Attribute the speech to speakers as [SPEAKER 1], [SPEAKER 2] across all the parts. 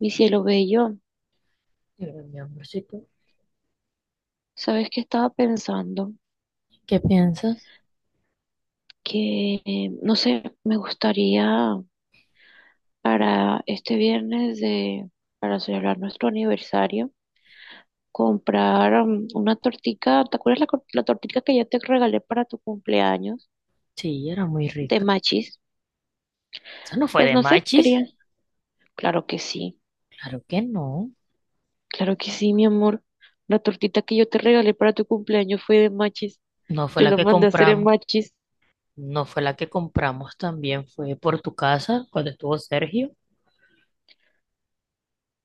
[SPEAKER 1] Mi cielo bello,
[SPEAKER 2] Yo era mi amorcito.
[SPEAKER 1] ¿sabes qué estaba pensando?
[SPEAKER 2] ¿Qué piensas?
[SPEAKER 1] Que, no sé, me gustaría para este viernes de, para celebrar nuestro aniversario, comprar una tortica, ¿te acuerdas la, la tortica que ya te regalé para tu cumpleaños
[SPEAKER 2] Sí, era muy
[SPEAKER 1] de
[SPEAKER 2] rica.
[SPEAKER 1] machis?
[SPEAKER 2] Esa no fue
[SPEAKER 1] Pues
[SPEAKER 2] de
[SPEAKER 1] no sé, quería.
[SPEAKER 2] Machis.
[SPEAKER 1] Claro que sí,
[SPEAKER 2] Claro que no.
[SPEAKER 1] claro que sí, mi amor. La tortita que yo te regalé para tu cumpleaños fue de machis.
[SPEAKER 2] No fue
[SPEAKER 1] Yo
[SPEAKER 2] la
[SPEAKER 1] la
[SPEAKER 2] que
[SPEAKER 1] mandé a hacer en
[SPEAKER 2] compramos.
[SPEAKER 1] machis.
[SPEAKER 2] No fue la que compramos también. Fue por tu casa cuando estuvo Sergio.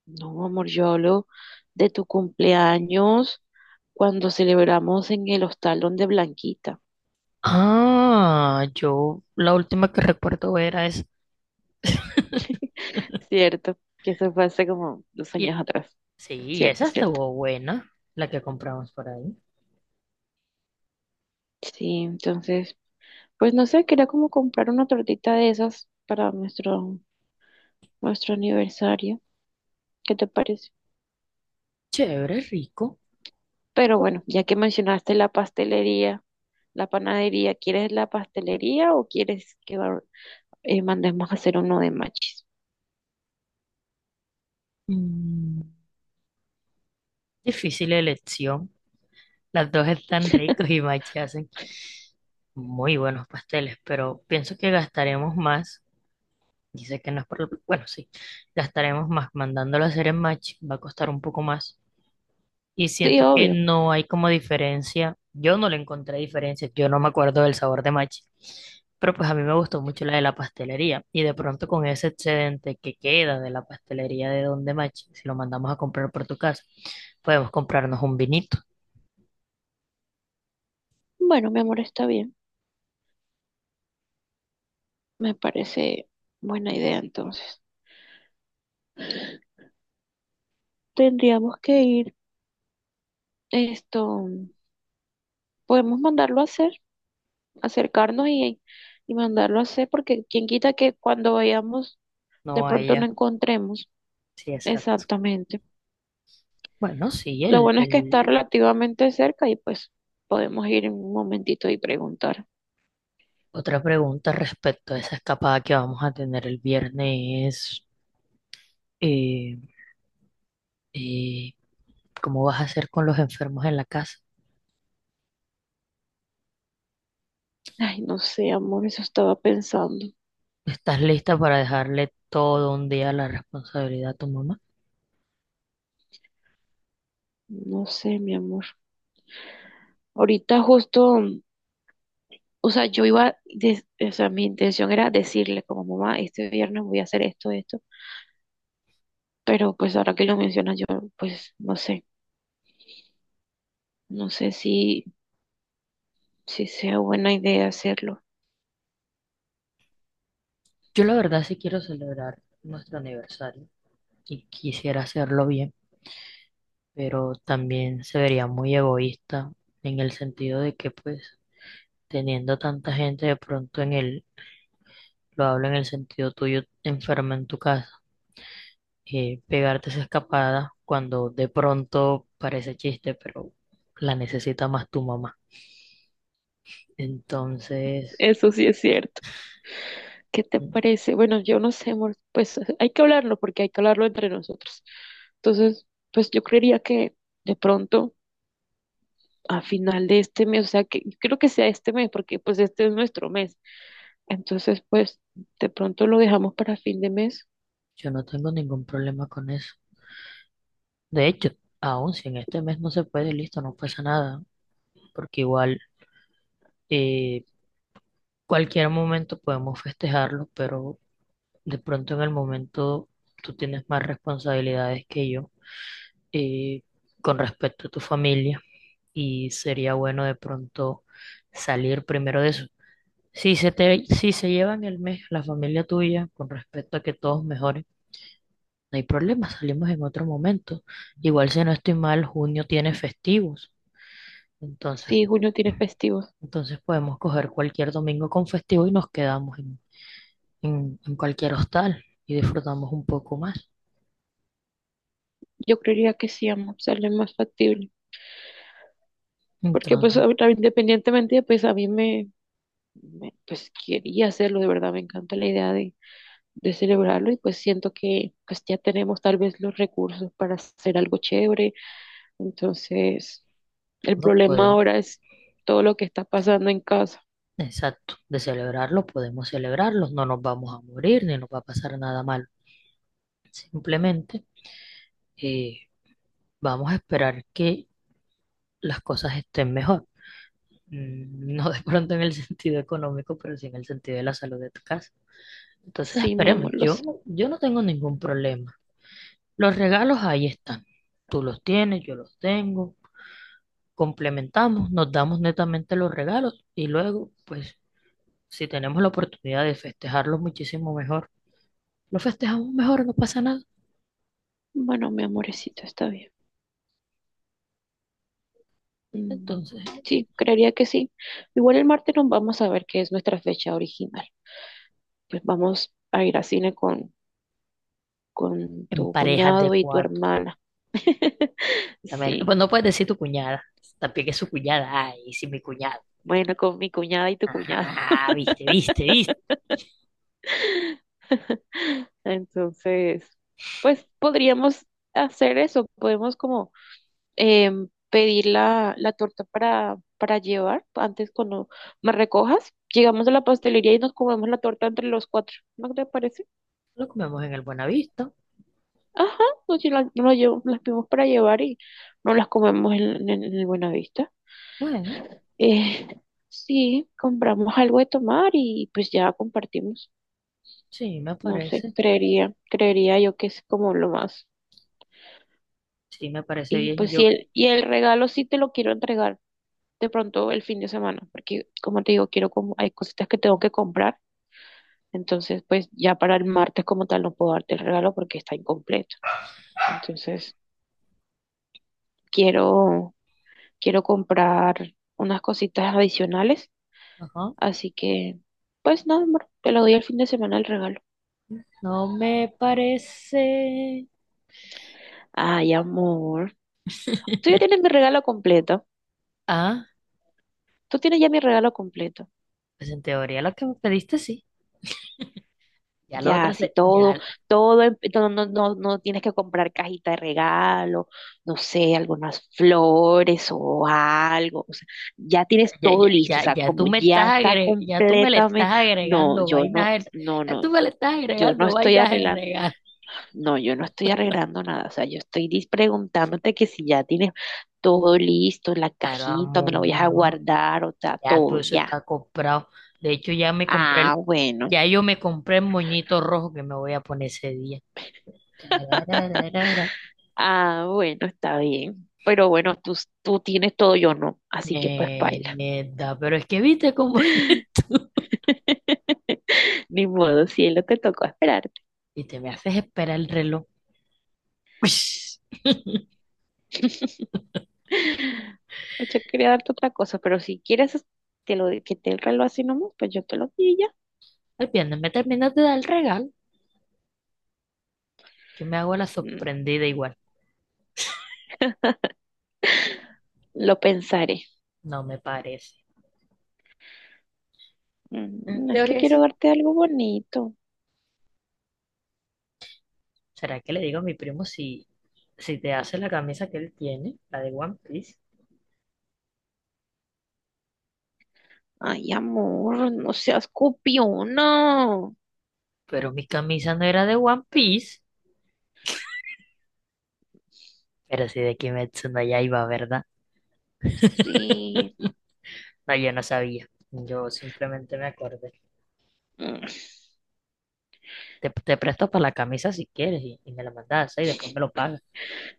[SPEAKER 1] No, amor, yo hablo de tu cumpleaños cuando celebramos en el hostal donde Blanquita,
[SPEAKER 2] Ah, yo la última que recuerdo era esa.
[SPEAKER 1] ¿cierto? Que eso fue hace como dos
[SPEAKER 2] Y,
[SPEAKER 1] años atrás,
[SPEAKER 2] sí, y
[SPEAKER 1] ¿cierto?
[SPEAKER 2] esa
[SPEAKER 1] ¿Cierto?
[SPEAKER 2] estuvo buena, la que compramos por ahí.
[SPEAKER 1] Sí, entonces, pues no sé, quería como comprar una tortita de esas para nuestro aniversario. ¿Qué te parece?
[SPEAKER 2] Chévere, rico.
[SPEAKER 1] Pero bueno, ya que mencionaste la pastelería, la panadería, ¿quieres la pastelería o quieres que mandemos a hacer uno de machis?
[SPEAKER 2] Mm, Difícil elección. Las dos están ricos y Machi hacen muy buenos pasteles, pero pienso que gastaremos más. Dice que no es por el. Bueno, sí, gastaremos más mandándolo a hacer en Machi, va a costar un poco más. Y
[SPEAKER 1] Sí,
[SPEAKER 2] siento que
[SPEAKER 1] obvio.
[SPEAKER 2] no hay como diferencia. Yo no le encontré diferencia, yo no me acuerdo del sabor de Machi. Pero pues a mí me gustó mucho la de la pastelería. Y de pronto con ese excedente que queda de la pastelería de Don de Machi, si lo mandamos a comprar por tu casa, podemos comprarnos un vinito.
[SPEAKER 1] Bueno, mi amor, está bien. Me parece buena idea entonces. Tendríamos que ir, esto, podemos mandarlo a hacer, acercarnos y mandarlo a hacer, porque quien quita que cuando vayamos de
[SPEAKER 2] No, a
[SPEAKER 1] pronto no
[SPEAKER 2] ella.
[SPEAKER 1] encontremos
[SPEAKER 2] Sí, exacto.
[SPEAKER 1] exactamente.
[SPEAKER 2] Bueno, sí,
[SPEAKER 1] Lo bueno es que está relativamente cerca y pues podemos ir en un momentito y preguntar.
[SPEAKER 2] otra pregunta respecto a esa escapada que vamos a tener el viernes es, eh, eh, ¿cómo vas a hacer con los enfermos en la casa?
[SPEAKER 1] Ay, no sé, amor, eso estaba pensando.
[SPEAKER 2] ¿Estás lista para dejarle todo un día la responsabilidad a tu mamá?
[SPEAKER 1] No sé, mi amor. Ahorita justo. O sea, yo iba, o sea, mi intención era decirle como mamá, este viernes voy a hacer esto, esto, pero pues ahora que lo mencionas, yo pues no sé si sea buena idea hacerlo.
[SPEAKER 2] Yo la verdad sí quiero celebrar nuestro aniversario y quisiera hacerlo bien, pero también se vería muy egoísta en el sentido de que pues teniendo tanta gente de pronto en el, lo hablo en el sentido tuyo, enferma en tu casa pegarte esa escapada cuando de pronto parece chiste, pero la necesita más tu mamá. Entonces,
[SPEAKER 1] Eso sí es cierto. ¿Qué te
[SPEAKER 2] mm,
[SPEAKER 1] parece? Bueno, yo no sé, amor, pues hay que hablarlo porque hay que hablarlo entre nosotros. Entonces, pues yo creería que de pronto a final de este mes, o sea, que creo que sea este mes porque pues este es nuestro mes. Entonces, pues de pronto lo dejamos para fin de mes.
[SPEAKER 2] yo no tengo ningún problema con eso. De hecho, aún si en este mes no se puede, listo, no pasa nada, porque igual eh, cualquier momento podemos festejarlo, pero de pronto en el momento tú tienes más responsabilidades que yo eh, con respecto a tu familia y sería bueno de pronto salir primero de eso. Si se te, si se llevan el mes la familia tuya con respecto a que todos mejoren, no hay problema, salimos en otro momento. Igual si no estoy mal, junio tiene festivos. Entonces,
[SPEAKER 1] Sí, junio tiene festivo.
[SPEAKER 2] entonces podemos coger cualquier domingo con festivo y nos quedamos en cualquier hostal y disfrutamos un poco más.
[SPEAKER 1] Yo creería que sí, amo, sale más factible. Porque pues
[SPEAKER 2] Entonces,
[SPEAKER 1] ahorita, independientemente, pues a mí me, pues quería hacerlo, de verdad, me encanta la idea de celebrarlo y pues siento que pues ya tenemos tal vez los recursos para hacer algo chévere. Entonces, el
[SPEAKER 2] no
[SPEAKER 1] problema
[SPEAKER 2] podemos,
[SPEAKER 1] ahora es todo lo que está pasando en casa.
[SPEAKER 2] exacto, de celebrarlo podemos celebrarlo, no nos vamos a morir ni nos va a pasar nada malo. Simplemente eh, vamos a esperar que las cosas estén mejor. No de pronto en el sentido económico, pero sí en el sentido de la salud de tu casa. Entonces
[SPEAKER 1] Sí, mi
[SPEAKER 2] esperemos,
[SPEAKER 1] amor, lo sé.
[SPEAKER 2] yo no tengo ningún problema. Los regalos ahí están. Tú los tienes, yo los tengo. Complementamos, nos damos netamente los regalos y luego, pues, si tenemos la oportunidad de festejarlos muchísimo mejor, lo festejamos mejor, no pasa nada.
[SPEAKER 1] Bueno, mi amorecito, está bien. Mm,
[SPEAKER 2] Entonces,
[SPEAKER 1] sí, creería que sí. Igual el martes nos vamos a ver qué es nuestra fecha original. Pues vamos a ir a cine con
[SPEAKER 2] en
[SPEAKER 1] tu
[SPEAKER 2] parejas de
[SPEAKER 1] cuñado y tu
[SPEAKER 2] cuatro.
[SPEAKER 1] hermana.
[SPEAKER 2] También, pues
[SPEAKER 1] Sí,
[SPEAKER 2] no puedes decir tu cuñada, también que es su cuñada. Ay, sí, mi cuñada.
[SPEAKER 1] bueno, con mi cuñada y tu cuñado.
[SPEAKER 2] Ah, viste, viste, viste.
[SPEAKER 1] Entonces, pues podríamos hacer eso, podemos como pedir la torta para llevar antes cuando me recojas. Llegamos a la pastelería y nos comemos la torta entre los cuatro. ¿No te parece?
[SPEAKER 2] Lo comemos en el Buenavista.
[SPEAKER 1] Ajá, nos las pedimos para llevar y nos las comemos en el Buenavista.
[SPEAKER 2] Bueno,
[SPEAKER 1] Eh, sí, compramos algo de tomar y pues ya compartimos.
[SPEAKER 2] sí, me
[SPEAKER 1] No sé,
[SPEAKER 2] parece.
[SPEAKER 1] creería yo que es como lo más.
[SPEAKER 2] Sí, me parece
[SPEAKER 1] Y
[SPEAKER 2] bien.
[SPEAKER 1] pues sí,
[SPEAKER 2] Yo,
[SPEAKER 1] y el regalo sí te lo quiero entregar de pronto el fin de semana, porque como te digo, quiero como, hay cositas que tengo que comprar, entonces pues ya para el martes como tal no puedo darte el regalo porque está incompleto. Entonces quiero, quiero comprar unas cositas adicionales,
[SPEAKER 2] ajá.
[SPEAKER 1] así que pues nada, amor, te lo doy el fin de semana el regalo.
[SPEAKER 2] No me parece.
[SPEAKER 1] Ay, amor. Tú ya tienes mi regalo completo.
[SPEAKER 2] Ah,
[SPEAKER 1] Tú tienes ya mi regalo completo.
[SPEAKER 2] pues en teoría lo que me pediste sí. Ya lo
[SPEAKER 1] Ya,
[SPEAKER 2] otro
[SPEAKER 1] sí, todo,
[SPEAKER 2] ya,
[SPEAKER 1] todo, no, no, no, no tienes que comprar cajita de regalo, no sé, algunas flores o algo. O sea, ya tienes
[SPEAKER 2] ya,
[SPEAKER 1] todo
[SPEAKER 2] ya,
[SPEAKER 1] listo. O
[SPEAKER 2] ya,
[SPEAKER 1] sea,
[SPEAKER 2] ya
[SPEAKER 1] como
[SPEAKER 2] tú me
[SPEAKER 1] ya
[SPEAKER 2] estás
[SPEAKER 1] está
[SPEAKER 2] agre- ya tú me le estás
[SPEAKER 1] completamente. No,
[SPEAKER 2] agregando
[SPEAKER 1] yo
[SPEAKER 2] vainas,
[SPEAKER 1] no, no,
[SPEAKER 2] ya tú
[SPEAKER 1] no.
[SPEAKER 2] me le estás
[SPEAKER 1] Yo no
[SPEAKER 2] agregando
[SPEAKER 1] estoy
[SPEAKER 2] vainas en
[SPEAKER 1] arreglando,
[SPEAKER 2] regalo.
[SPEAKER 1] no, yo no estoy arreglando nada. O sea, yo estoy preguntándote que si ya tienes todo listo, la
[SPEAKER 2] Claro,
[SPEAKER 1] cajita, donde lo vayas a
[SPEAKER 2] amor,
[SPEAKER 1] guardar, o sea,
[SPEAKER 2] ya
[SPEAKER 1] todo
[SPEAKER 2] todo eso
[SPEAKER 1] ya.
[SPEAKER 2] está comprado. De hecho,
[SPEAKER 1] Ah, bueno.
[SPEAKER 2] ya yo me compré el moñito rojo que me voy a poner ese día. Tararararara.
[SPEAKER 1] Ah, bueno, está bien. Pero bueno, tú tienes todo, yo no. Así que pues paila.
[SPEAKER 2] Neta, pero es que viste cómo es.
[SPEAKER 1] Ni modo, cielo, te tocó esperarte.
[SPEAKER 2] Y te me haces esperar el reloj. Ush.
[SPEAKER 1] Pues yo quería darte otra cosa, pero si quieres que te el reloj así nomás, pues yo te lo di ya.
[SPEAKER 2] El viernes me terminas de dar el regalo. Yo me hago la
[SPEAKER 1] Mm.
[SPEAKER 2] sorprendida igual.
[SPEAKER 1] Lo pensaré.
[SPEAKER 2] No me parece. En
[SPEAKER 1] Es que
[SPEAKER 2] teoría
[SPEAKER 1] quiero
[SPEAKER 2] sí.
[SPEAKER 1] darte algo bonito.
[SPEAKER 2] ¿Será que le digo a mi primo si te hace la camisa que él tiene, la de One Piece?
[SPEAKER 1] Ay, amor, no seas copiona.
[SPEAKER 2] Pero mi camisa no era de One Piece. Pero sí de Kimetsu no iba, ¿verdad?
[SPEAKER 1] Sí.
[SPEAKER 2] No, yo no sabía. Yo simplemente me acordé.
[SPEAKER 1] Mm.
[SPEAKER 2] Te presto para la camisa si quieres y me la mandas y después me lo pagas.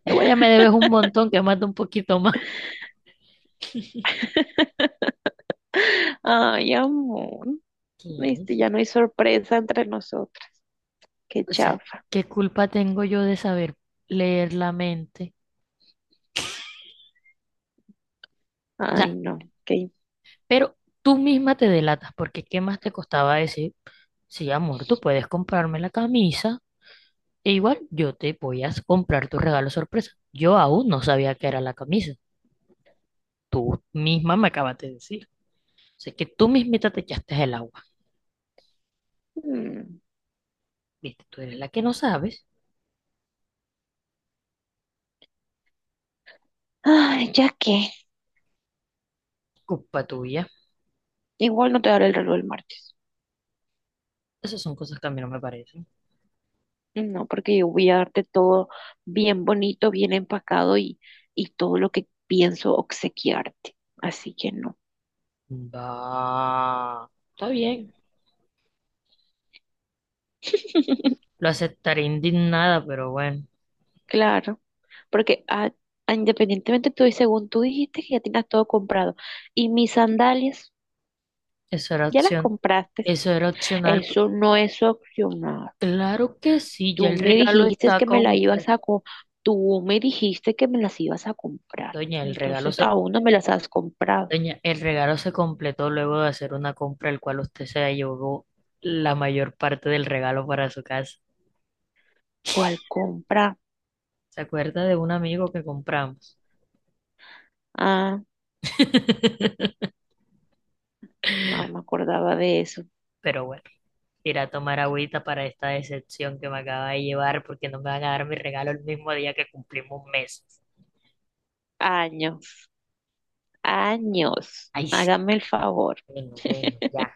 [SPEAKER 2] Igual ya me debes un montón, que manda un poquito más.
[SPEAKER 1] Ay, amor.
[SPEAKER 2] ¿Qué dice?
[SPEAKER 1] Ya no hay sorpresa entre nosotros. Qué
[SPEAKER 2] O sea,
[SPEAKER 1] chafa.
[SPEAKER 2] ¿qué culpa tengo yo de saber leer la mente? O
[SPEAKER 1] Ay,
[SPEAKER 2] sea,
[SPEAKER 1] no. Qué.
[SPEAKER 2] pero tú misma te delatas, porque ¿qué más te costaba decir? Sí, amor, tú puedes comprarme la camisa e igual yo te voy a comprar tu regalo sorpresa. Yo aún no sabía que era la camisa. Tú misma me acabas de decir. O sea, que tú mismita te echaste el agua.
[SPEAKER 1] Mm.
[SPEAKER 2] Viste, tú eres la que no sabes.
[SPEAKER 1] Ay, ya que.
[SPEAKER 2] Culpa tuya.
[SPEAKER 1] Igual no te daré el reloj el martes.
[SPEAKER 2] Esas son cosas que a mí no me parecen.
[SPEAKER 1] No, porque yo voy a darte todo bien bonito, bien empacado y todo lo que pienso obsequiarte. Así que no.
[SPEAKER 2] Va. Está bien. Lo aceptaré indignada, pero bueno,
[SPEAKER 1] Claro, porque independientemente tú, y según tú dijiste que ya tienes todo comprado y mis sandalias
[SPEAKER 2] eso era
[SPEAKER 1] ya las
[SPEAKER 2] opción,
[SPEAKER 1] compraste,
[SPEAKER 2] eso era opcional.
[SPEAKER 1] eso no es opcional.
[SPEAKER 2] Claro que sí, ya
[SPEAKER 1] Tú
[SPEAKER 2] el
[SPEAKER 1] me
[SPEAKER 2] regalo
[SPEAKER 1] dijiste
[SPEAKER 2] está
[SPEAKER 1] que me las ibas
[SPEAKER 2] completo.
[SPEAKER 1] a tú me dijiste que me las ibas a comprar.
[SPEAKER 2] Doña, el regalo
[SPEAKER 1] Entonces
[SPEAKER 2] se,
[SPEAKER 1] aún no me las has comprado.
[SPEAKER 2] doña, el regalo se completó luego de hacer una compra, el cual usted se llevó la mayor parte del regalo para su casa.
[SPEAKER 1] ¿Cuál compra?
[SPEAKER 2] ¿Se acuerda de un amigo que compramos?
[SPEAKER 1] Ah, no me acordaba de eso.
[SPEAKER 2] Pero bueno, iré a tomar agüita para esta decepción que me acaba de llevar, porque no me van a dar mi regalo el mismo día que cumplimos meses.
[SPEAKER 1] Años, años.
[SPEAKER 2] Ay, sí,
[SPEAKER 1] Hágame el favor.
[SPEAKER 2] bueno, bueno, ya.